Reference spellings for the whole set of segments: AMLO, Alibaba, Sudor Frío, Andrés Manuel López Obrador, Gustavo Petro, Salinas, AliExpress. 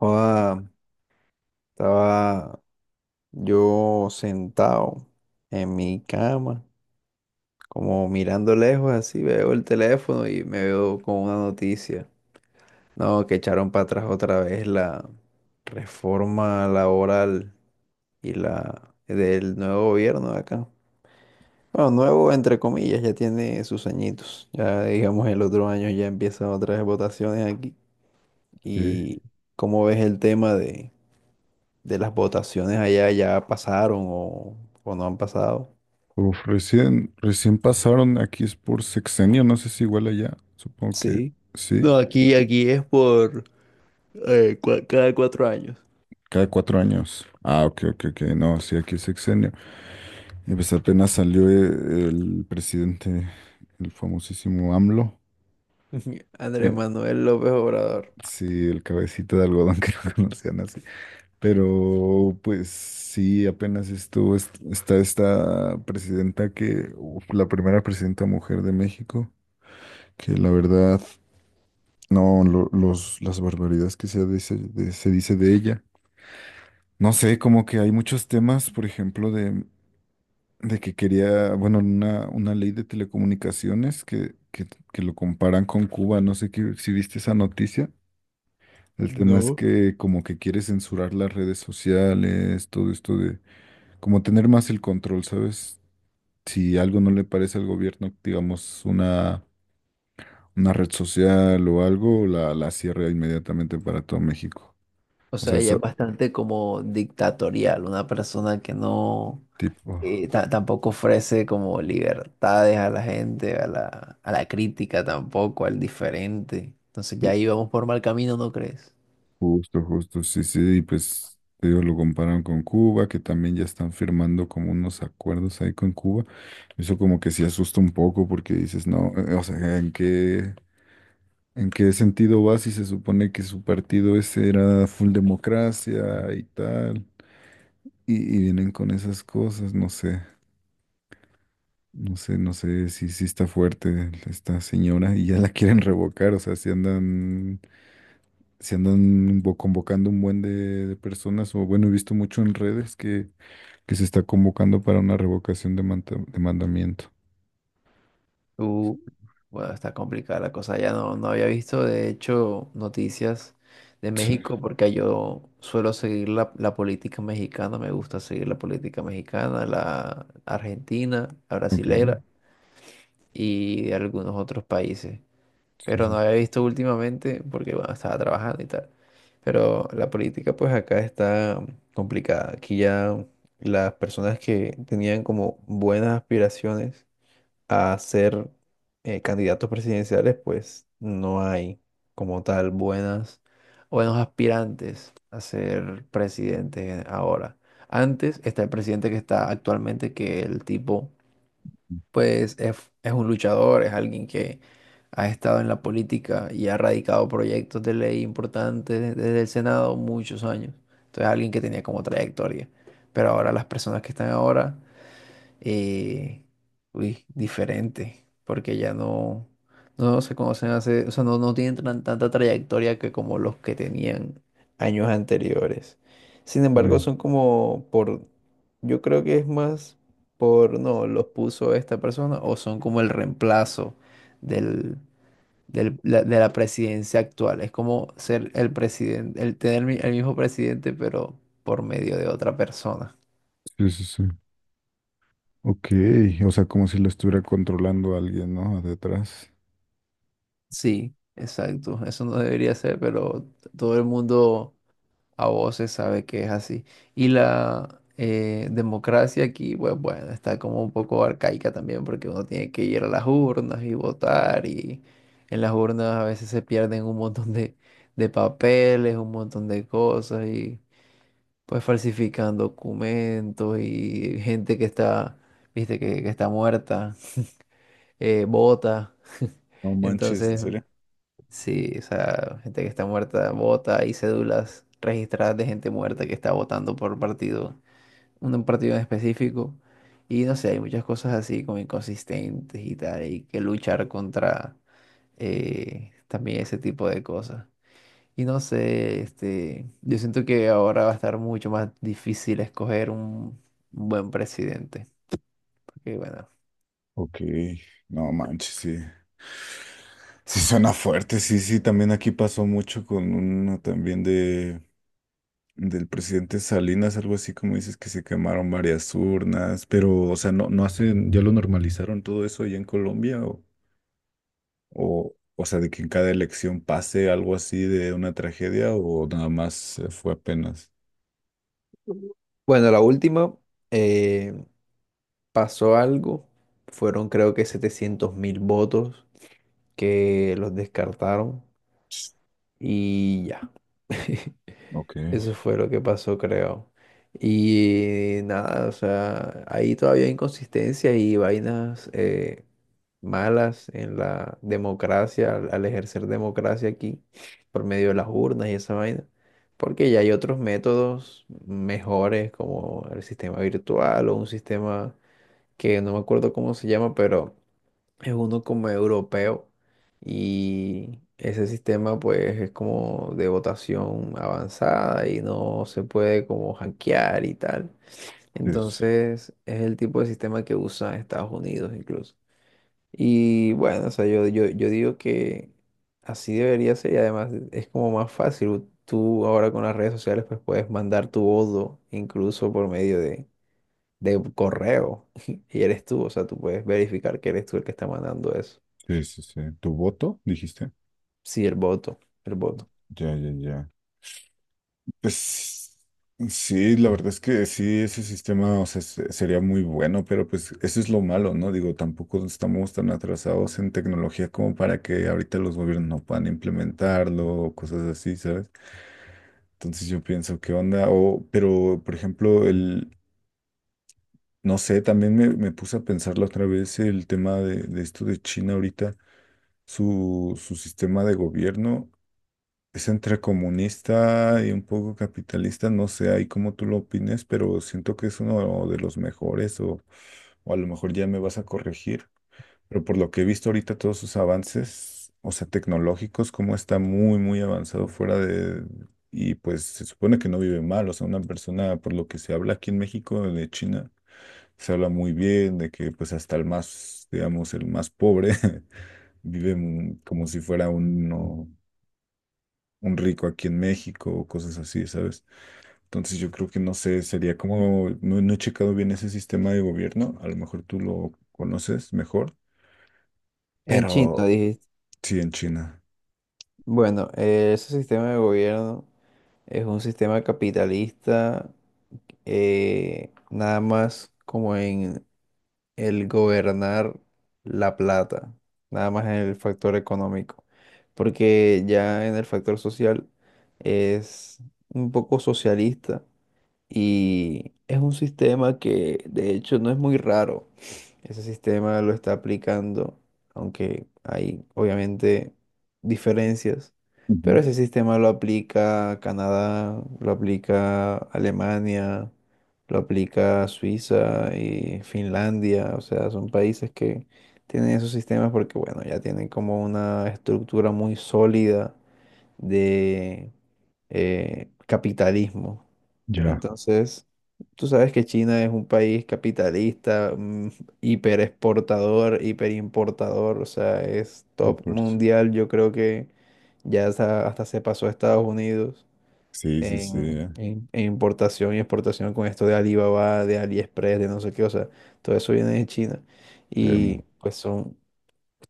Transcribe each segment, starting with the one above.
Joda, estaba yo sentado en mi cama, como mirando lejos, así veo el teléfono y me veo con una noticia. No, que echaron para atrás otra vez la reforma laboral y la del nuevo gobierno de acá. Bueno, nuevo entre comillas, ya tiene sus añitos. Ya digamos el otro año ya empiezan otras votaciones aquí. Sí. ¿Y cómo ves el tema de las votaciones allá ya pasaron o no han pasado? Uf, recién pasaron, aquí es por sexenio, no sé si igual allá, supongo que Sí. sí, No, aquí es por cada 4 años. cada cuatro años. Ah, ok, ok, ok, no, sí, aquí es sexenio. Y pues apenas salió el presidente, el famosísimo AMLO. Andrés eh, Manuel López Obrador. sí, el cabecita de algodón que lo conocían así. Pero pues sí, apenas estuvo, está esta presidenta que, uf, la primera presidenta mujer de México, que la verdad. No, los, las barbaridades que se dice de ella. No sé, como que hay muchos temas, por ejemplo, de que quería, bueno, una ley de telecomunicaciones que lo comparan con Cuba. No sé si viste esa noticia. El tema es No. que como que quiere censurar las redes sociales, todo esto de como tener más el control, ¿sabes? Si algo no le parece al gobierno, digamos, una red social o algo, la cierra inmediatamente para todo México. O O sea, sea, ella es eso, bastante como dictatorial, una persona que no, tipo, tampoco ofrece como libertades a la gente, a la crítica tampoco, al diferente. Entonces ju- ya íbamos por mal camino, ¿no crees? justo, justo, sí, sí, y pues te digo, lo comparan con Cuba, que también ya están firmando como unos acuerdos ahí con Cuba. Eso como que sí asusta un poco porque dices, no, o sea, en qué sentido va si se supone que su partido ese era full democracia y tal? Y vienen con esas cosas, no sé, no sé, no sé si sí, está fuerte esta señora y ya la quieren revocar, o sea, si andan se andan convocando un buen de personas, o bueno, he visto mucho en redes que se está convocando para una revocación de, de mandamiento. Bueno, está complicada la cosa. Ya no había visto, de hecho, noticias de Sí, México porque yo suelo seguir la política mexicana, me gusta seguir la política mexicana, la argentina, la ok, brasilera y de algunos otros países. sí, Pero no sí, había visto últimamente porque, bueno, estaba trabajando y tal. Pero la política pues acá está complicada. Aquí ya las personas que tenían como buenas aspiraciones a ser candidatos presidenciales, pues no hay como tal buenas, buenos aspirantes a ser presidente ahora. Antes está el presidente que está actualmente, que el tipo pues es un luchador, es alguien que ha estado en la política y ha radicado proyectos de ley importantes desde el Senado muchos años. Entonces alguien que tenía como trayectoria. Pero ahora las personas que están ahora eh, uy, diferente, porque ya no se conocen hace, o sea, no tienen tanta trayectoria que como los que tenían años anteriores. Sin embargo, ya, son como por, yo creo que es más por, no, los puso esta persona o son como el reemplazo del, de la presidencia actual. Es como ser el presidente, el tener el mismo presidente, pero por medio de otra persona. sí, sí, sí. Ok, o sea, como si lo estuviera controlando alguien, ¿no? Detrás. Sí, exacto. Eso no debería ser, pero todo el mundo a voces sabe que es así. Y la democracia aquí, pues bueno, está como un poco arcaica también, porque uno tiene que ir a las urnas y votar, y en las urnas a veces se pierden un montón de papeles, un montón de cosas, y pues falsifican documentos y gente que está, viste, que está muerta, vota. No manches, ¿en Entonces, serio? sí, o sea, gente que está muerta vota, hay cédulas registradas de gente muerta que está votando por partido, un partido en específico. Y no sé, hay muchas cosas así como inconsistentes y tal, hay que luchar contra también ese tipo de cosas. Y no sé, este, yo siento que ahora va a estar mucho más difícil escoger un buen presidente, porque bueno. Ok, no manches, sí. Sí suena fuerte, sí, sí, también aquí pasó mucho con uno también de del presidente Salinas, algo así como dices que se quemaron varias urnas, pero, o sea, no, no hacen, ya lo normalizaron todo eso allá en Colombia, o sea, de que en cada elección pase algo así de una tragedia, o nada más fue apenas. Bueno, la última eh, pasó algo, fueron creo que 700.000 votos que los descartaron y ya. Ok, Eso fue lo que pasó, creo. Y nada, o sea, ahí todavía hay inconsistencias y vainas malas en la democracia, al ejercer democracia aquí, por medio de las urnas y esa vaina, porque ya hay otros métodos mejores como el sistema virtual o un sistema que no me acuerdo cómo se llama, pero es uno como europeo y ese sistema pues es como de votación avanzada y no se puede como hackear y tal. sí, sí, Entonces es el tipo de sistema que usa Estados Unidos incluso. Y bueno, o sea, yo digo que así debería ser y además es como más fácil. Tú ahora con las redes sociales pues puedes mandar tu voto incluso por medio de correo y eres tú, o sea, tú puedes verificar que eres tú el que está mandando eso. sí, sí, sí. ¿Tu voto, dijiste? Sí, el voto, el voto. Ya, ya, ya. Pues sí, la verdad es que sí, ese sistema, o sea, sería muy bueno, pero pues eso es lo malo, ¿no? Digo, tampoco estamos tan atrasados en tecnología como para que ahorita los gobiernos no puedan implementarlo o cosas así, ¿sabes? Entonces yo pienso, ¿qué onda? O, pero, por ejemplo, el, no sé, también me puse a pensarlo otra vez el tema de esto de China ahorita, su sistema de gobierno. Es entre comunista y un poco capitalista, no sé ahí cómo tú lo opines, pero siento que es uno de los mejores o a lo mejor ya me vas a corregir, pero por lo que he visto ahorita todos sus avances, o sea, tecnológicos, cómo está muy, muy avanzado fuera de... Y pues se supone que no vive mal, o sea, una persona, por lo que se habla aquí en México, de China, se habla muy bien de que pues hasta el más, digamos, el más pobre vive como si fuera uno un rico aquí en México o cosas así, ¿sabes? Entonces yo creo que no sé, sería como, no, no he checado bien ese sistema de gobierno, a lo mejor tú lo conoces mejor, ¿En China, pero dijiste? sí, en China. Bueno, ese sistema de gobierno es un sistema capitalista, nada más como en el gobernar la plata, nada más en el factor económico, porque ya en el factor social es un poco socialista, y es un sistema que de hecho no es muy raro. Ese sistema lo está aplicando, aunque hay obviamente diferencias, Ujú. pero ese sistema lo aplica Canadá, lo aplica Alemania, lo aplica Suiza y Finlandia. O sea, son países que tienen esos sistemas porque, bueno, ya tienen como una estructura muy sólida de capitalismo. Ya. Entonces, tú sabes que China es un país capitalista, hiperexportador, hiperimportador, o sea, es Fue top por eso. mundial. Yo creo que ya hasta se pasó a Estados Unidos Sí, sí, sí, en, en importación y exportación con esto de Alibaba, de AliExpress, de no sé qué, o sea, todo eso viene de China. Y temo. pues son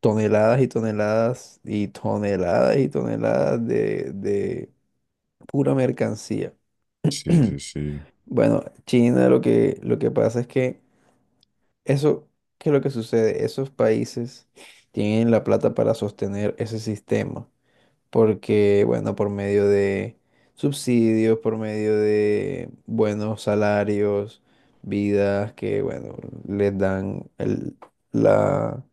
toneladas y toneladas y toneladas y toneladas de pura mercancía. Sí, sí, sí. Bueno, China lo que, pasa es que eso, ¿qué es lo que sucede? Esos países tienen la plata para sostener ese sistema, porque, bueno, por medio de subsidios, por medio de buenos salarios, vidas que, bueno, les dan el, la...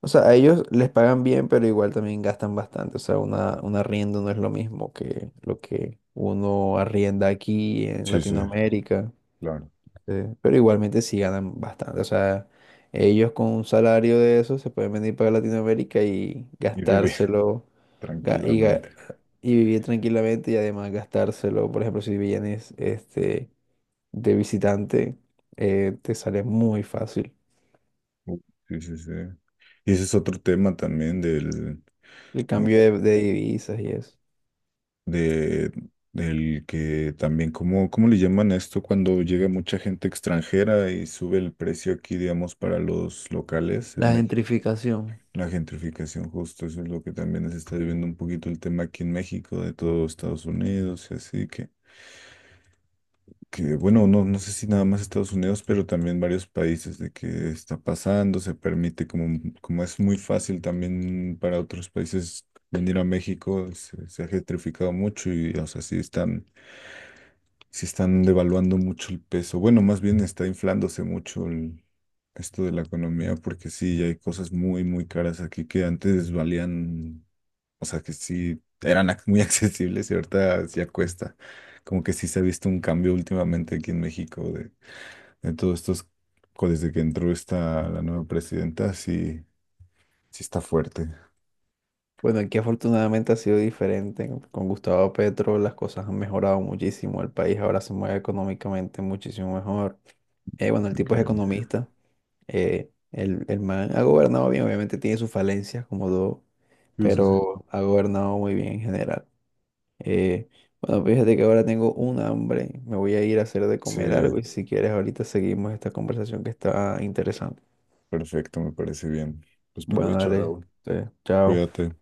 O sea, a ellos les pagan bien, pero igual también gastan bastante. O sea, una, un arriendo no es lo mismo que lo que uno arrienda aquí en Sí, sí, Latinoamérica. claro. Sí, pero igualmente sí ganan bastante. O sea, ellos con un salario de eso se pueden venir para Latinoamérica y Y vive gastárselo ga- y, ga- tranquilamente. y vivir tranquilamente y además gastárselo. Por ejemplo, si vienes este, de visitante, te sale muy fácil Uh, Sí, sí, sí. Y ese es otro tema también del, el cambio de divisas y eso. de del que también, ¿cómo, cómo le llaman a esto cuando llega mucha gente extranjera y sube el precio aquí, digamos, para los locales en La México? gentrificación. La gentrificación, justo, eso es lo que también se está viviendo un poquito el tema aquí en México, de todo Estados Unidos y así que bueno, no, no sé si nada más Estados Unidos, pero también varios países de que está pasando, se permite, como, como es muy fácil también para otros países venir a México, se ha gentrificado mucho y, o sea, sí están se están devaluando mucho el peso. Bueno, más bien está inflándose mucho esto de la economía, porque sí, hay cosas muy, muy caras aquí que antes valían, o sea, que sí eran muy accesibles y ahorita ya cuesta. Como que sí se ha visto un cambio últimamente aquí en México de todos estos, desde que entró esta la nueva presidenta, sí, sí está fuerte. Bueno, aquí afortunadamente ha sido diferente. Con Gustavo Petro las cosas han mejorado muchísimo. El país ahora se mueve económicamente muchísimo mejor. Bueno, el Qué tipo es increíble. economista. El man ha gobernado bien, obviamente tiene sus falencias como todo, Eso sí. pero ha gobernado muy bien en general. Eh, bueno, fíjate que ahora tengo un hambre. Me voy a ir a hacer de comer algo Sí, y si quieres ahorita seguimos esta conversación que está interesante. perfecto, me parece bien. Pues Bueno, provecho, dale. Raúl. Chao. Cuídate.